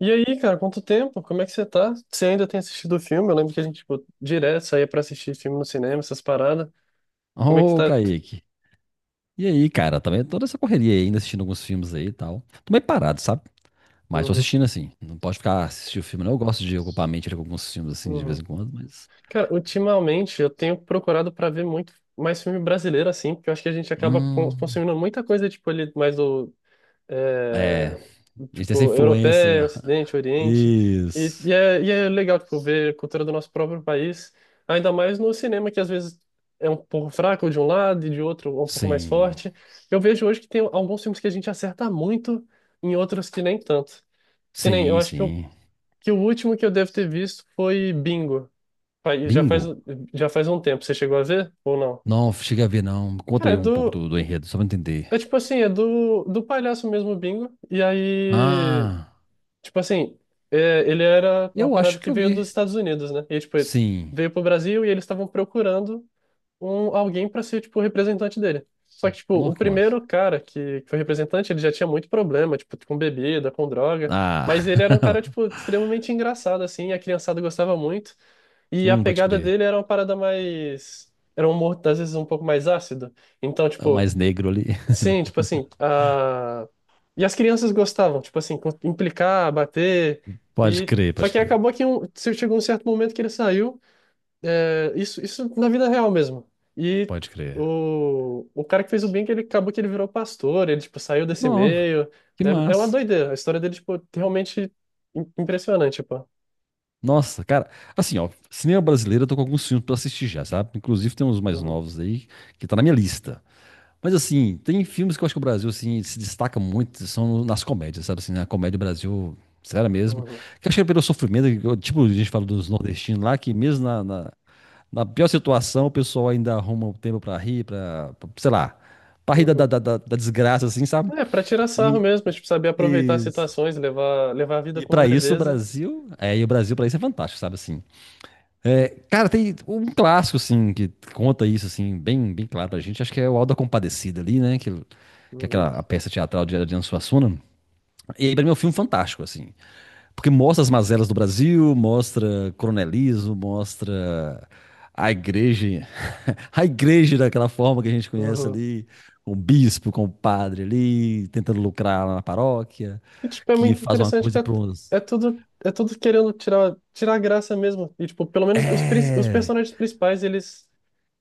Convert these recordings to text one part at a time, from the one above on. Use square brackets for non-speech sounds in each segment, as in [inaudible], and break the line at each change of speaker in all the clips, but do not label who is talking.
E aí, cara, quanto tempo? Como é que você tá? Você ainda tem assistido o filme? Eu lembro que a gente, tipo, direto saía pra assistir filme no cinema, essas paradas. Como é que
Ô,
tá?
Kaique. E aí, cara? Também toda essa correria aí, ainda assistindo alguns filmes aí e tal. Tô meio parado, sabe? Mas tô
Uhum,
assistindo assim. Não pode ficar assistindo filme, não. Eu gosto de ocupar a mente ali com alguns filmes assim de vez
uhum.
em quando, mas.
Cara, ultimamente eu tenho procurado pra ver muito mais filme brasileiro, assim, porque eu acho que a gente acaba
Hum.
consumindo muita coisa, tipo, ali mais do,
É.
é,
A gente tem essa
tipo, europeia,
influência.
Ocidente,
[laughs]
Oriente. E, e,
Isso.
é, e é legal, tipo, ver a cultura do nosso próprio país, ainda mais no cinema, que às vezes é um pouco fraco de um lado e de outro um pouco mais
Sim.
forte. Eu vejo hoje que tem alguns filmes que a gente acerta muito em outros que nem tanto. Que nem, eu
Sim,
acho que, eu,
sim.
que o último que eu devo ter visto foi Bingo. Faz- Já faz,
Bingo.
já faz um tempo. Você chegou a ver ou não?
Não, cheguei a ver, não. Conta
Cara, é
aí um pouco
do.
do enredo, só pra eu entender.
É tipo assim, é do palhaço mesmo, o Bingo. E aí,
Ah,
tipo assim, ele era uma
eu
parada
acho que
que
eu
veio
vi.
dos Estados Unidos, né? E, tipo, ele
Sim.
veio pro Brasil e eles estavam procurando alguém para ser, tipo, o representante dele. Só que, tipo, o
Nossa, que massa.
primeiro cara que foi representante, ele já tinha muito problema, tipo, com bebida, com droga.
Ah,
Mas ele era um cara, tipo, extremamente engraçado, assim, a criançada gostava muito.
[laughs]
E a
pode
pegada
crer.
dele era uma parada mais. Era um humor, às vezes, um pouco mais ácido. Então,
É o
tipo,
mais negro ali.
sim, tipo assim, e as crianças gostavam, tipo assim, implicar, bater,
Pode
e
crer,
só
pode
que
crer,
acabou que chegou um certo momento que ele saiu, é, isso na vida real mesmo, e
pode crer.
o cara que fez o bem, que ele acabou que ele virou pastor, ele, tipo, saiu desse
Não,
meio,
que
é, uma
massa.
doideira, a história dele, tipo, realmente impressionante, pô.
Nossa, cara, assim, ó, cinema brasileiro eu tô com alguns filmes pra assistir já, sabe? Inclusive tem uns mais
Uhum,
novos aí que tá na minha lista. Mas assim, tem filmes que eu acho que o Brasil assim se destaca muito, são nas comédias, sabe assim, na comédia do Brasil, sério mesmo.
uhum,
Que eu acho que é pelo sofrimento, que tipo, a gente fala dos nordestinos lá, que mesmo na, na pior situação, o pessoal ainda arruma um tempo pra rir, sei lá, pra rir da, da,
uhum.
da, da da desgraça assim, sabe?
É, pra tirar sarro
E,
mesmo, tipo, saber aproveitar as
isso.
situações, levar a vida
E
com
pra isso
leveza.
O Brasil pra isso é fantástico, sabe assim. É, cara, tem um clássico assim que conta isso assim, bem, bem claro pra gente, acho que é o Auto da Compadecida ali, né, que é aquela
Uhum,
a peça teatral de Adriano Suassuna. E aí pra mim é um filme fantástico assim, porque mostra as mazelas do Brasil, mostra coronelismo, mostra a igreja, [laughs] a igreja daquela forma que a gente conhece
uhum.
ali, com o bispo, com o padre ali, tentando lucrar lá na paróquia,
E, tipo, é
que
muito
faz uma
interessante que
coisa
é,
para
é
uns.
tudo é tudo querendo tirar graça mesmo. E tipo, pelo menos os os
É.
personagens principais, eles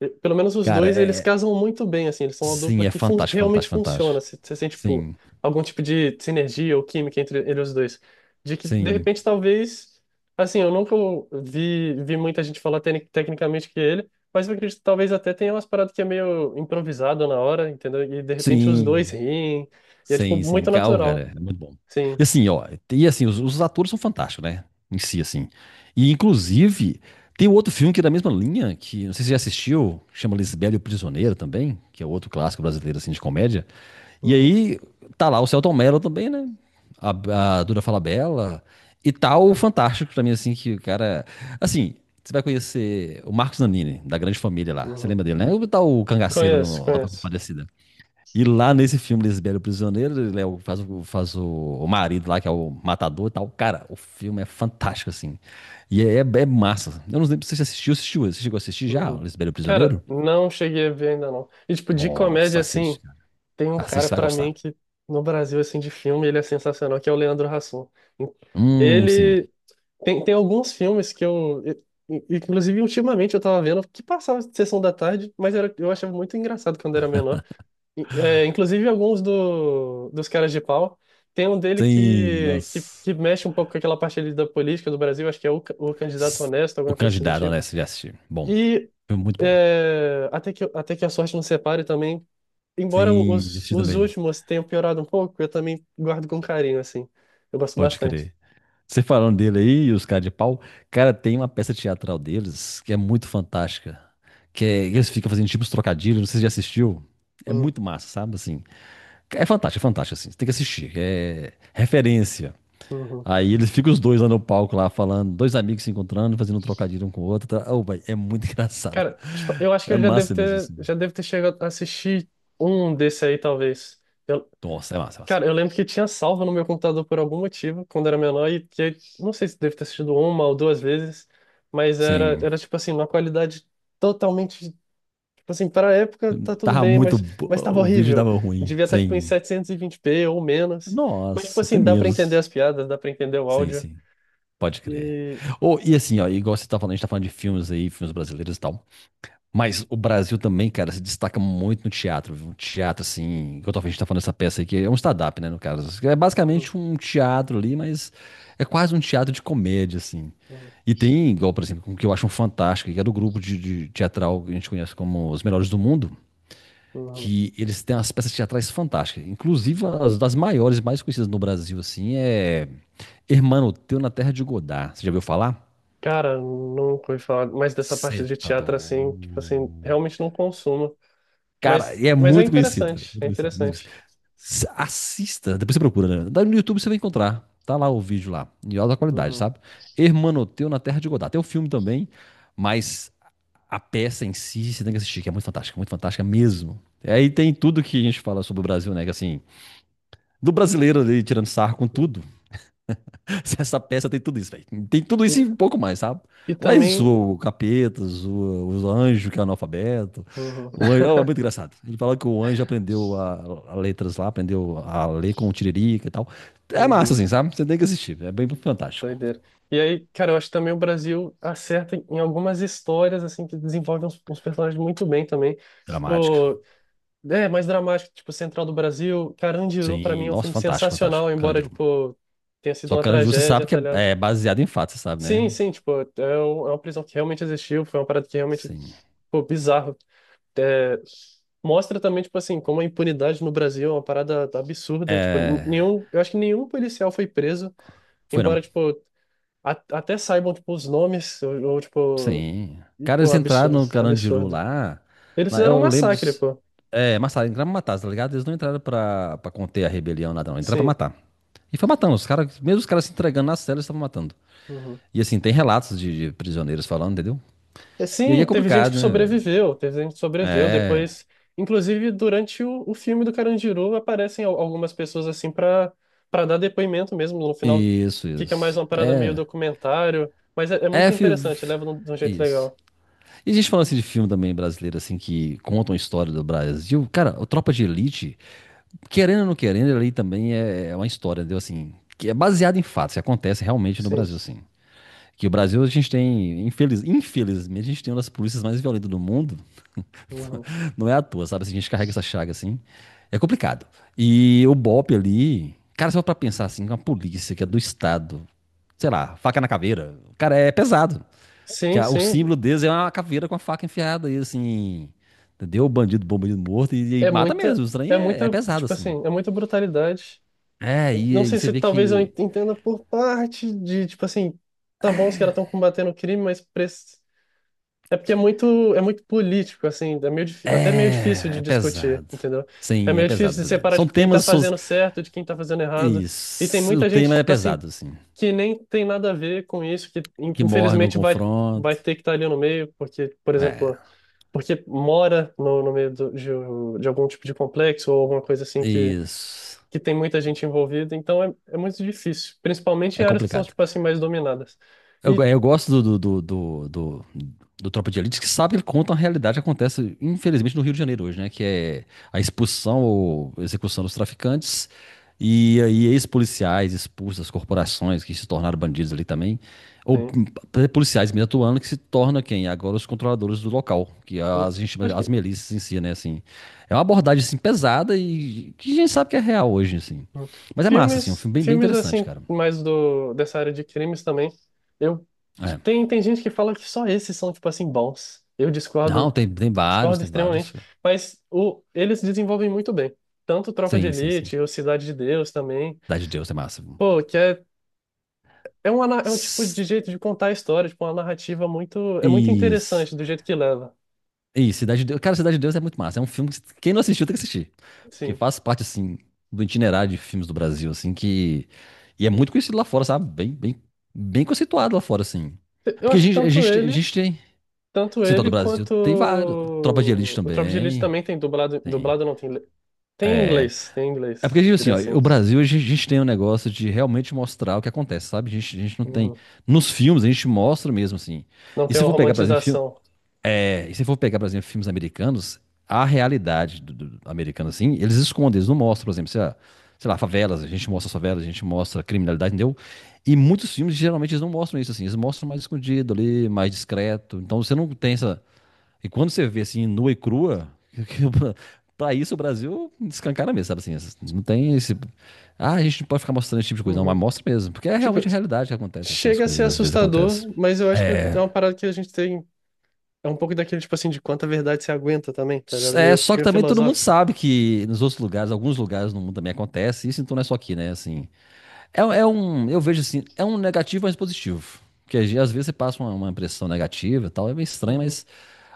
pelo menos os
Cara,
dois, eles
é.
casam muito bem assim, eles são uma
Sim,
dupla
é
que
fantástico,
realmente
fantástico,
funciona.
fantástico.
Você sente tipo
Sim,
algum tipo de sinergia ou química entre os dois. De que de
sim,
repente talvez assim, eu nunca vi muita gente falar tecnicamente que é ele, mas eu acredito que talvez até tenha umas paradas que é meio improvisado na hora, entendeu? E de repente os dois
sim,
riem. E é, tipo,
sim, sim.
muito
Cara, oh,
natural.
cara, é muito bom.
Sim.
E assim, ó, e assim, os atores são fantásticos, né? Em si, assim. E inclusive, tem outro filme que é da mesma linha, que não sei se você já assistiu, chama Lisbela e o Prisioneiro também, que é outro clássico brasileiro, assim, de comédia. E
Hum,
aí tá lá o Celton Mello também, né? A Duda Falabella. E tá o Fantástico pra mim, assim, que o cara. Assim, você vai conhecer o Marcos Nanini, da grande família lá. Você
uhum.
lembra dele, né? O tal cangaceiro no
Conheço,
Auto da
conheço.
Compadecida. E lá nesse filme, Lisbelo o Prisioneiro, ele é o marido lá, que é o matador e tal. Cara, o filme é fantástico, assim. E é massa. Eu não lembro se você assistiu, assistiu. Você chegou a assistir já,
Uhum.
Lisbelo o
Cara,
Prisioneiro?
não cheguei a ver ainda não. E tipo, de comédia,
Nossa,
assim,
assiste, cara.
tem um
Assiste,
cara
você vai
pra mim
gostar.
que no Brasil, assim, de filme, ele é sensacional, que é o Leandro Hassum.
Sim.
Ele tem alguns filmes inclusive, ultimamente eu tava vendo que passava sessão da tarde, mas eu achava muito engraçado quando era menor. É, inclusive alguns dos caras de pau. Tem um dele
Sim,
que, que,
nossa.
que mexe um pouco com aquela parte ali da política do Brasil, acho que é o candidato
S-
honesto,
O
alguma coisa assim do
Candidato,
tipo.
honesto, já assisti. Bom.
E
Foi muito bom.
até que a sorte nos separe também, embora
Sim, já
os,
assisti
os
também.
últimos tenham piorado um pouco, eu também guardo com carinho, assim. Eu gosto
Pode
bastante.
crer. Você falando dele aí, e os caras de pau. Cara, tem uma peça teatral deles que é muito fantástica. Que é, eles ficam fazendo tipo uns trocadilhos, não sei se você já assistiu. É
Hum,
muito massa, sabe? Assim, é fantástico, assim. Você tem que assistir. É referência.
uhum.
Aí eles ficam os dois lá no palco, lá falando, dois amigos se encontrando, fazendo um trocadilho um com o outro. Tá? Oh, vai, é muito [laughs] engraçado.
Cara, tipo, eu acho que
É
eu já devo
massa mesmo,
ter,
assim.
já devo ter chegado a assistir um desse aí, talvez.
Nossa, é massa, é massa.
Cara, eu lembro que tinha salvo no meu computador por algum motivo, quando era menor, e que não sei se deve ter assistido uma ou duas vezes, mas era,
Sim.
era tipo assim, uma qualidade totalmente, tipo assim, para a época tá tudo
Tava
bem,
muito.
mas, mas tava
O vídeo
horrível.
tava ruim.
Devia estar tipo em
Sim.
720p ou menos. Mas tipo
Nossa, até
assim, dá para entender
menos.
as piadas, dá para entender o
Sim,
áudio.
sim. Pode crer.
E
Ou e assim, ó, igual você tá falando, a gente tá falando de filmes aí, filmes brasileiros e tal. Mas o Brasil também, cara, se destaca muito no teatro, viu? Um teatro, assim, igual talvez a gente tá falando dessa peça aí, que é um stand-up, né, no caso. É
Uhum,
basicamente um teatro ali, mas é quase um teatro de comédia, assim.
uhum,
E tem, igual, por exemplo, o que eu acho um fantástico, que é do grupo de teatral que a gente conhece como Os Melhores do Mundo.
uhum.
Que eles têm umas peças teatrais fantásticas. Inclusive, as das maiores, mais conhecidas no Brasil, assim, é Hermano Teu na Terra de Godá. Você já ouviu falar?
Cara, nunca ouvi falar mais dessa
Cê
parte de
tá
teatro assim, tipo assim,
doido.
realmente não consumo,
Cara,
mas
e é
mas é
muito conhecido, velho.
interessante,
Muito
é
conhecido, muito conhecido.
interessante.
Assista, depois você procura, né? Dá no YouTube você vai encontrar. Tá lá o vídeo lá, em alta qualidade,
Uhum.
sabe? Hermanoteu na Terra de Godá. Tem o filme também, mas a peça em si você tem que assistir, que é muito fantástica mesmo. E aí tem tudo que a gente fala sobre o Brasil, né? Que assim, do brasileiro ali tirando sarro com tudo. [laughs] Essa peça tem tudo isso, velho. Tem tudo isso e um pouco mais, sabe?
E
Lá eles
também.
zoam o capeta, zoa os anjos que é analfabeto.
Uhum,
O anjo, ó, é muito engraçado. Ele fala que o anjo aprendeu a letras lá, aprendeu a ler com o Tiririca e tal. É massa,
uhum,
assim, sabe? Você tem que assistir. É bem fantástico.
doideira. E aí, cara, eu acho que também o Brasil acerta em algumas histórias, assim, que desenvolvem uns personagens muito bem também.
Dramática.
Tipo, é mais dramático, tipo, Central do Brasil. Carandiru, pra
Sim,
mim, é um
nossa,
filme
fantástico, fantástico.
sensacional, embora,
Carandiru.
tipo, tenha sido
Só que
uma
Carandiru você
tragédia,
sabe que
tá ligado?
é baseado em fatos, você sabe,
Sim,
né?
sim, tipo, é uma prisão que realmente existiu, foi uma parada que realmente,
Sim.
pô, bizarro. É, mostra também, tipo assim, como a impunidade no Brasil é uma parada absurda. Tipo,
É.
eu acho que nenhum policial foi preso.
Foi
Embora,
não.
tipo, até saibam, tipo, os nomes, ou, tipo,
Sim.
e,
Cara,
pô,
eles entraram
absurdo,
no Carandiru
absurdo.
lá.
Eles fizeram um
Eu lembro
massacre,
disso.
pô.
É, mataram, entraram pra matar, tá ligado? Eles não entraram pra conter a rebelião lá, não. Entraram pra
Sim.
matar. E foi matando. Os caras, mesmo os caras se entregando nas celas, estavam matando.
Uhum.
E assim, tem relatos de prisioneiros falando, entendeu?
E,
E aí é
sim, teve gente que
complicado, né, velho?
sobreviveu, teve gente que sobreviveu
É.
depois. Inclusive, durante o filme do Carandiru, aparecem algumas pessoas, assim, pra, dar depoimento mesmo. No final,
Isso,
fica mais
isso.
uma parada meio
É.
documentário. Mas é muito
É.
interessante, leva de um jeito
Isso.
legal.
E a gente falando assim de filme também brasileiro, assim, que contam a história do Brasil. Cara, o Tropa de Elite, querendo ou não querendo, ali também é uma história, entendeu? Assim, que é baseada em fatos, que acontece realmente no
Sim.
Brasil, assim. Que o Brasil, a gente tem, infelizmente, a gente tem uma das polícias mais violentas do mundo.
Uhum.
[laughs] Não é à toa, sabe? Se a gente carrega essa chaga, assim, é complicado. E o BOPE ali, cara, só pra pensar, assim, uma polícia que é do Estado, sei lá, faca na caveira, cara, é pesado. Que
Sim,
o
sim.
símbolo deles é uma caveira com a faca enfiada e assim, entendeu? Bandido bom, bandido morto, e
É
mata
muita,
mesmo. O
é
estranho é
muita,
pesado,
tipo
assim.
assim, é muita brutalidade.
É,
Não
e
sei
você
se
vê
talvez eu
que
entenda por parte de, tipo assim, tá bom, os caras estão combatendo o crime, mas é porque é muito político, assim, é até meio difícil
é,
de
é
discutir,
pesado.
entendeu? É
Sim, é
meio
pesado,
difícil de
pesado.
separar,
São
tipo, quem tá
temas.
fazendo certo de quem tá fazendo errado. E tem
Isso. O
muita gente,
tema é
tipo assim,
pesado, assim.
que nem tem nada a ver com isso, que
Que morre no
infelizmente vai, vai
confronto.
ter que estar ali no meio, porque, por
É,
exemplo, porque mora no meio de algum tipo de complexo ou alguma coisa assim
isso.
que tem muita gente envolvida, então é muito difícil, principalmente
É
em áreas que são,
complicado.
tipo assim, mais dominadas.
Eu, go-
E
eu gosto do Tropa de Elite que sabe ele conta a realidade que acontece, infelizmente, no Rio de Janeiro hoje, né? Que é a expulsão ou execução dos traficantes e aí ex-policiais expulsos das corporações que se tornaram bandidos ali também. Ou
sim,
policiais mesmo atuando que se torna quem? Agora os controladores do local, que é
sim.
as, gente chama-
Acho
as
que
milícias em si, né? Assim, é uma abordagem assim, pesada e que a gente sabe que é real hoje, assim.
hum,
Mas é massa, assim, é um
filmes,
filme bem, bem
filmes
interessante,
assim,
cara.
mais do dessa área de crimes também. Eu
É.
tem tem gente que fala que só esses são tipo assim bons. Eu
Não,
discordo,
tem vários,
discordo
tem vários,
extremamente,
cara.
mas o eles desenvolvem muito bem. Tanto Tropa de
Sim, sim, sim.
Elite, ou Cidade de Deus também.
Cidade de Deus é massa.
Pô, que é É um tipo de
S-
jeito de contar a história, tipo, uma narrativa é muito
Isso.
interessante do jeito que leva.
Isso, Cidade de Deus. Cara, Cidade de Deus é muito massa. É um filme que quem não assistiu tem que assistir. Porque
Sim.
faz parte, assim, do itinerário de filmes do Brasil, assim, que. E é muito conhecido lá fora, sabe? Bem, bem, bem conceituado lá fora, assim.
Eu
Porque a
acho que
gente, a
tanto
gente, a
ele,
gente tem.
tanto
Assim, tá, do
ele
Brasil
quanto
tem vários. Tropa de Elite
o Tropa de Elite
também.
também tem dublado,
Tem.
dublado não tem,
É.
tem em
É porque,
inglês,
tipo assim,
diria
ó,
assim.
o Brasil, a gente tem um negócio de realmente mostrar o que acontece, sabe? A gente não tem.
Uhum.
Nos filmes, a gente mostra mesmo, assim.
Não
E
tem
se eu
uma
for pegar, por exemplo,
romantização.
É, e se for pegar, por exemplo, filmes americanos, a realidade do americano, assim, eles escondem, eles não mostram, por exemplo, sei lá, favelas, a gente mostra as favelas, a gente mostra a criminalidade, entendeu? E muitos filmes, geralmente, eles não mostram isso, assim, eles mostram mais escondido ali, mais discreto, então você não tem essa. E quando você vê, assim, nua e crua, [laughs] pra isso o Brasil escancara mesmo, sabe, assim, não tem esse. Ah, a gente não pode ficar mostrando esse tipo de coisa, não,
Uhum.
mas mostra mesmo, porque é
Tipo,
realmente a realidade que acontece, assim, as
chega a ser
coisas às vezes acontecem.
assustador, mas eu acho que é
É,
uma parada que a gente tem, é um pouco daquele tipo assim de quanta verdade você aguenta também, tá ligado?
é,
Meio,
só que
meio
também todo mundo
filosófico.
sabe que nos outros lugares, alguns lugares no mundo também acontece isso, então não é só aqui, né? Assim, é, um, eu vejo assim, é um negativo, mas positivo. Porque às vezes você passa uma impressão negativa e tal, é meio estranho,
Uhum.
mas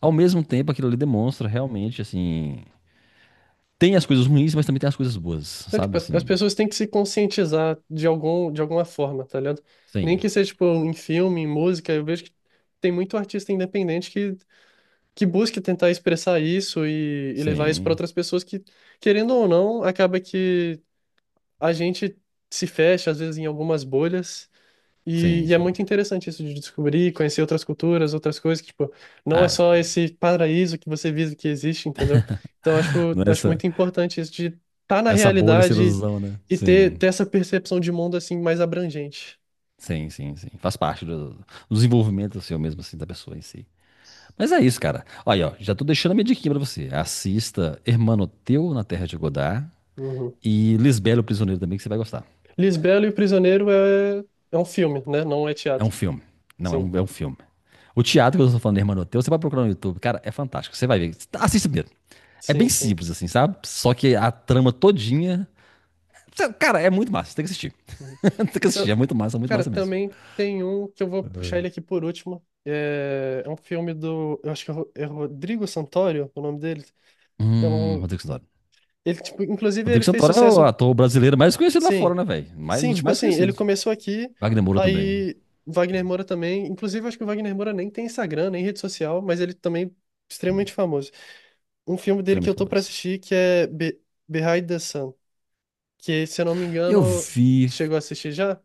ao mesmo tempo aquilo ali demonstra realmente, assim, tem as coisas ruins, mas também tem as coisas boas,
É, tipo,
sabe?
as
Assim,
pessoas têm que se conscientizar de algum, de alguma forma, tá ligado? Nem
sim,
que seja tipo em filme, em música, eu vejo que tem muito artista independente que busque tentar expressar isso e levar isso para
sim,
outras pessoas que, querendo ou não, acaba que a gente se fecha, às vezes, em algumas bolhas. E,
sim,
e é
sim.
muito interessante isso de descobrir, conhecer outras culturas, outras coisas, que, tipo, não é
Ah,
só esse paraíso que você visa que existe, entendeu? Então, acho,
não é
acho
essa,
muito importante isso de estar na
essa bolha, essa
realidade
ilusão, né?
e ter,
Sim,
ter essa percepção de mundo, assim, mais abrangente.
sim, sim, sim. Faz parte do desenvolvimento, assim, ou mesmo assim, da pessoa em si. Mas é isso, cara. Olha, ó, já tô deixando a minha dica pra você. Assista Hermano Teu na Terra de Godard
Uhum.
e Lisbela, o Prisioneiro também, que você vai gostar.
Lisbela e o Prisioneiro é um filme, né? Não é
É um
teatro.
filme. Não, é
Sim,
um, é um filme. O teatro que eu tô falando, Hermano Teu, você vai procurar no YouTube. Cara, é fantástico. Você vai ver. Assista primeiro. É
sim,
bem
sim.
simples, assim, sabe? Só que a trama todinha. Cara, é muito massa. Tem que assistir.
Uhum.
[laughs] Tem que
Então,
assistir. É muito
cara,
massa mesmo.
também tem um que eu vou puxar ele aqui por último. É um filme do. Eu acho que é Rodrigo Santoro, o nome dele. É um.
Rodrigo Santoro.
Ele, tipo, inclusive, ele
Rodrigo
fez
Santoro é o
sucesso.
ator brasileiro mais conhecido lá fora,
Sim.
né, velho? Mais, um
Sim,
dos
tipo
mais
assim, ele
conhecidos.
começou aqui,
Wagner Moura também.
aí Wagner Moura também. Inclusive, eu acho que o Wagner Moura nem tem Instagram, nem rede social, mas ele também é extremamente famoso. Um filme dele que
Extremamente
eu tô pra
famoso.
assistir que é Be Behind the Sun, que, se eu não me
Eu
engano,
vi.
chegou a assistir já.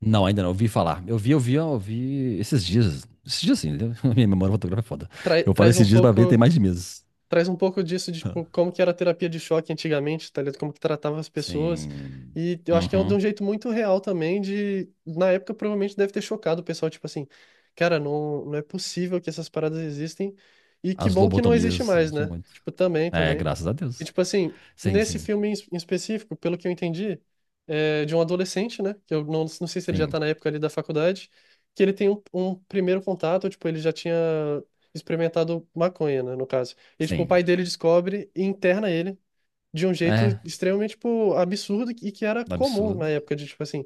Não, ainda não. Eu vi falar. Eu vi esses dias. Esses dias sim, entendeu? [laughs] Minha memória fotográfica é foda. Eu falei
Traz um
esses dias pra ver, tem
pouco.
mais de meses.
Traz um pouco disso de tipo,
[laughs]
como que era a terapia de choque antigamente, tá ligado? Como que tratava as pessoas.
Sim.
E eu acho que é de
Uhum.
um jeito muito real também de, na época provavelmente deve ter chocado o pessoal, tipo assim, cara, não, não é possível que essas paradas existem e que
As
bom que não existe
lobotomias,
mais,
tinha
né?
muito.
Tipo, também,
É,
também.
graças a
E
Deus.
tipo assim,
Sim,
nesse
sim.
filme em específico, pelo que eu entendi, é de um adolescente, né? Que eu não sei se ele já
Sim,
tá na época ali da faculdade, que ele tem um primeiro contato, tipo, ele já tinha experimentado maconha, né, no caso. E, tipo, o
sim.
pai dele descobre e interna ele de um jeito
É,
extremamente, tipo, absurdo e que era comum
absurdo.
na época de, tipo assim,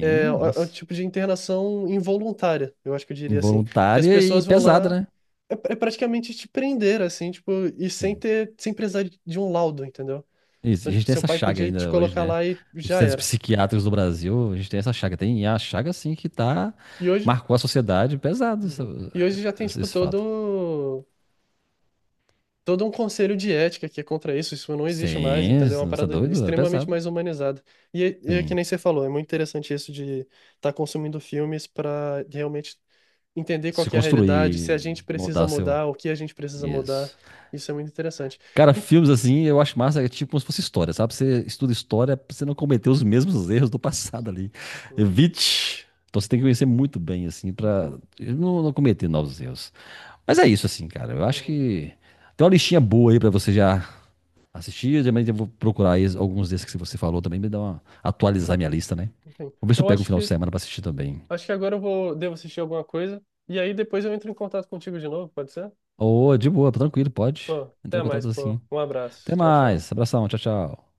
é, é um
nossa.
tipo de internação involuntária, eu acho que eu diria assim, que as
Involuntária e
pessoas vão
pesada,
lá
né?
é praticamente te prender, assim, tipo, e sem
Sim.
ter, sem precisar de um laudo, entendeu?
Isso.
Então,
E a
tipo,
gente tem
seu
essa
pai
chaga
podia te
ainda hoje,
colocar
né?
lá e
Os
já
centros
era.
psiquiátricos do Brasil, a gente tem essa chaga. Tem, e é a chaga, assim, que tá.
E hoje,
Marcou a sociedade pesado. essa-
uhum, e hoje já tem,
esse,
tipo,
esse fato.
todo um conselho de ética que é contra isso, isso não existe mais,
Sim,
entendeu? É uma
você é
parada
doido? Era
extremamente
pesado.
mais humanizada. E é que
Sim.
nem você falou, é muito interessante isso de estar consumindo filmes para realmente entender qual
Se
que é a realidade, se
construir,
a gente precisa
moldar seu.
mudar, o que a gente precisa mudar.
Isso.
Isso é muito interessante.
Cara,
En-
filmes assim, eu acho massa, é tipo como se fosse história, sabe? Você estuda história pra você não cometer os mesmos erros do passado ali.
Uhum,
Evite. Então você tem que conhecer muito bem, assim, pra
enfim,
não cometer novos erros. Mas é isso, assim, cara. Eu acho
uhum,
que tem uma listinha boa aí pra você já assistir. Também eu vou procurar aí
uhum,
alguns desses que você falou também, me dar uma atualizar minha lista, né?
enfim.
Vou ver se eu
Eu
pego um
acho
final de
que
semana pra assistir também.
acho que agora eu vou devo assistir alguma coisa e aí depois eu entro em contato contigo de novo, pode ser?
Ô, de boa, tranquilo, pode
Pô, até
entrar em
mais,
contato
pô.
assim.
Um
Até
abraço. Tchau, tchau.
mais, abração, tchau, tchau.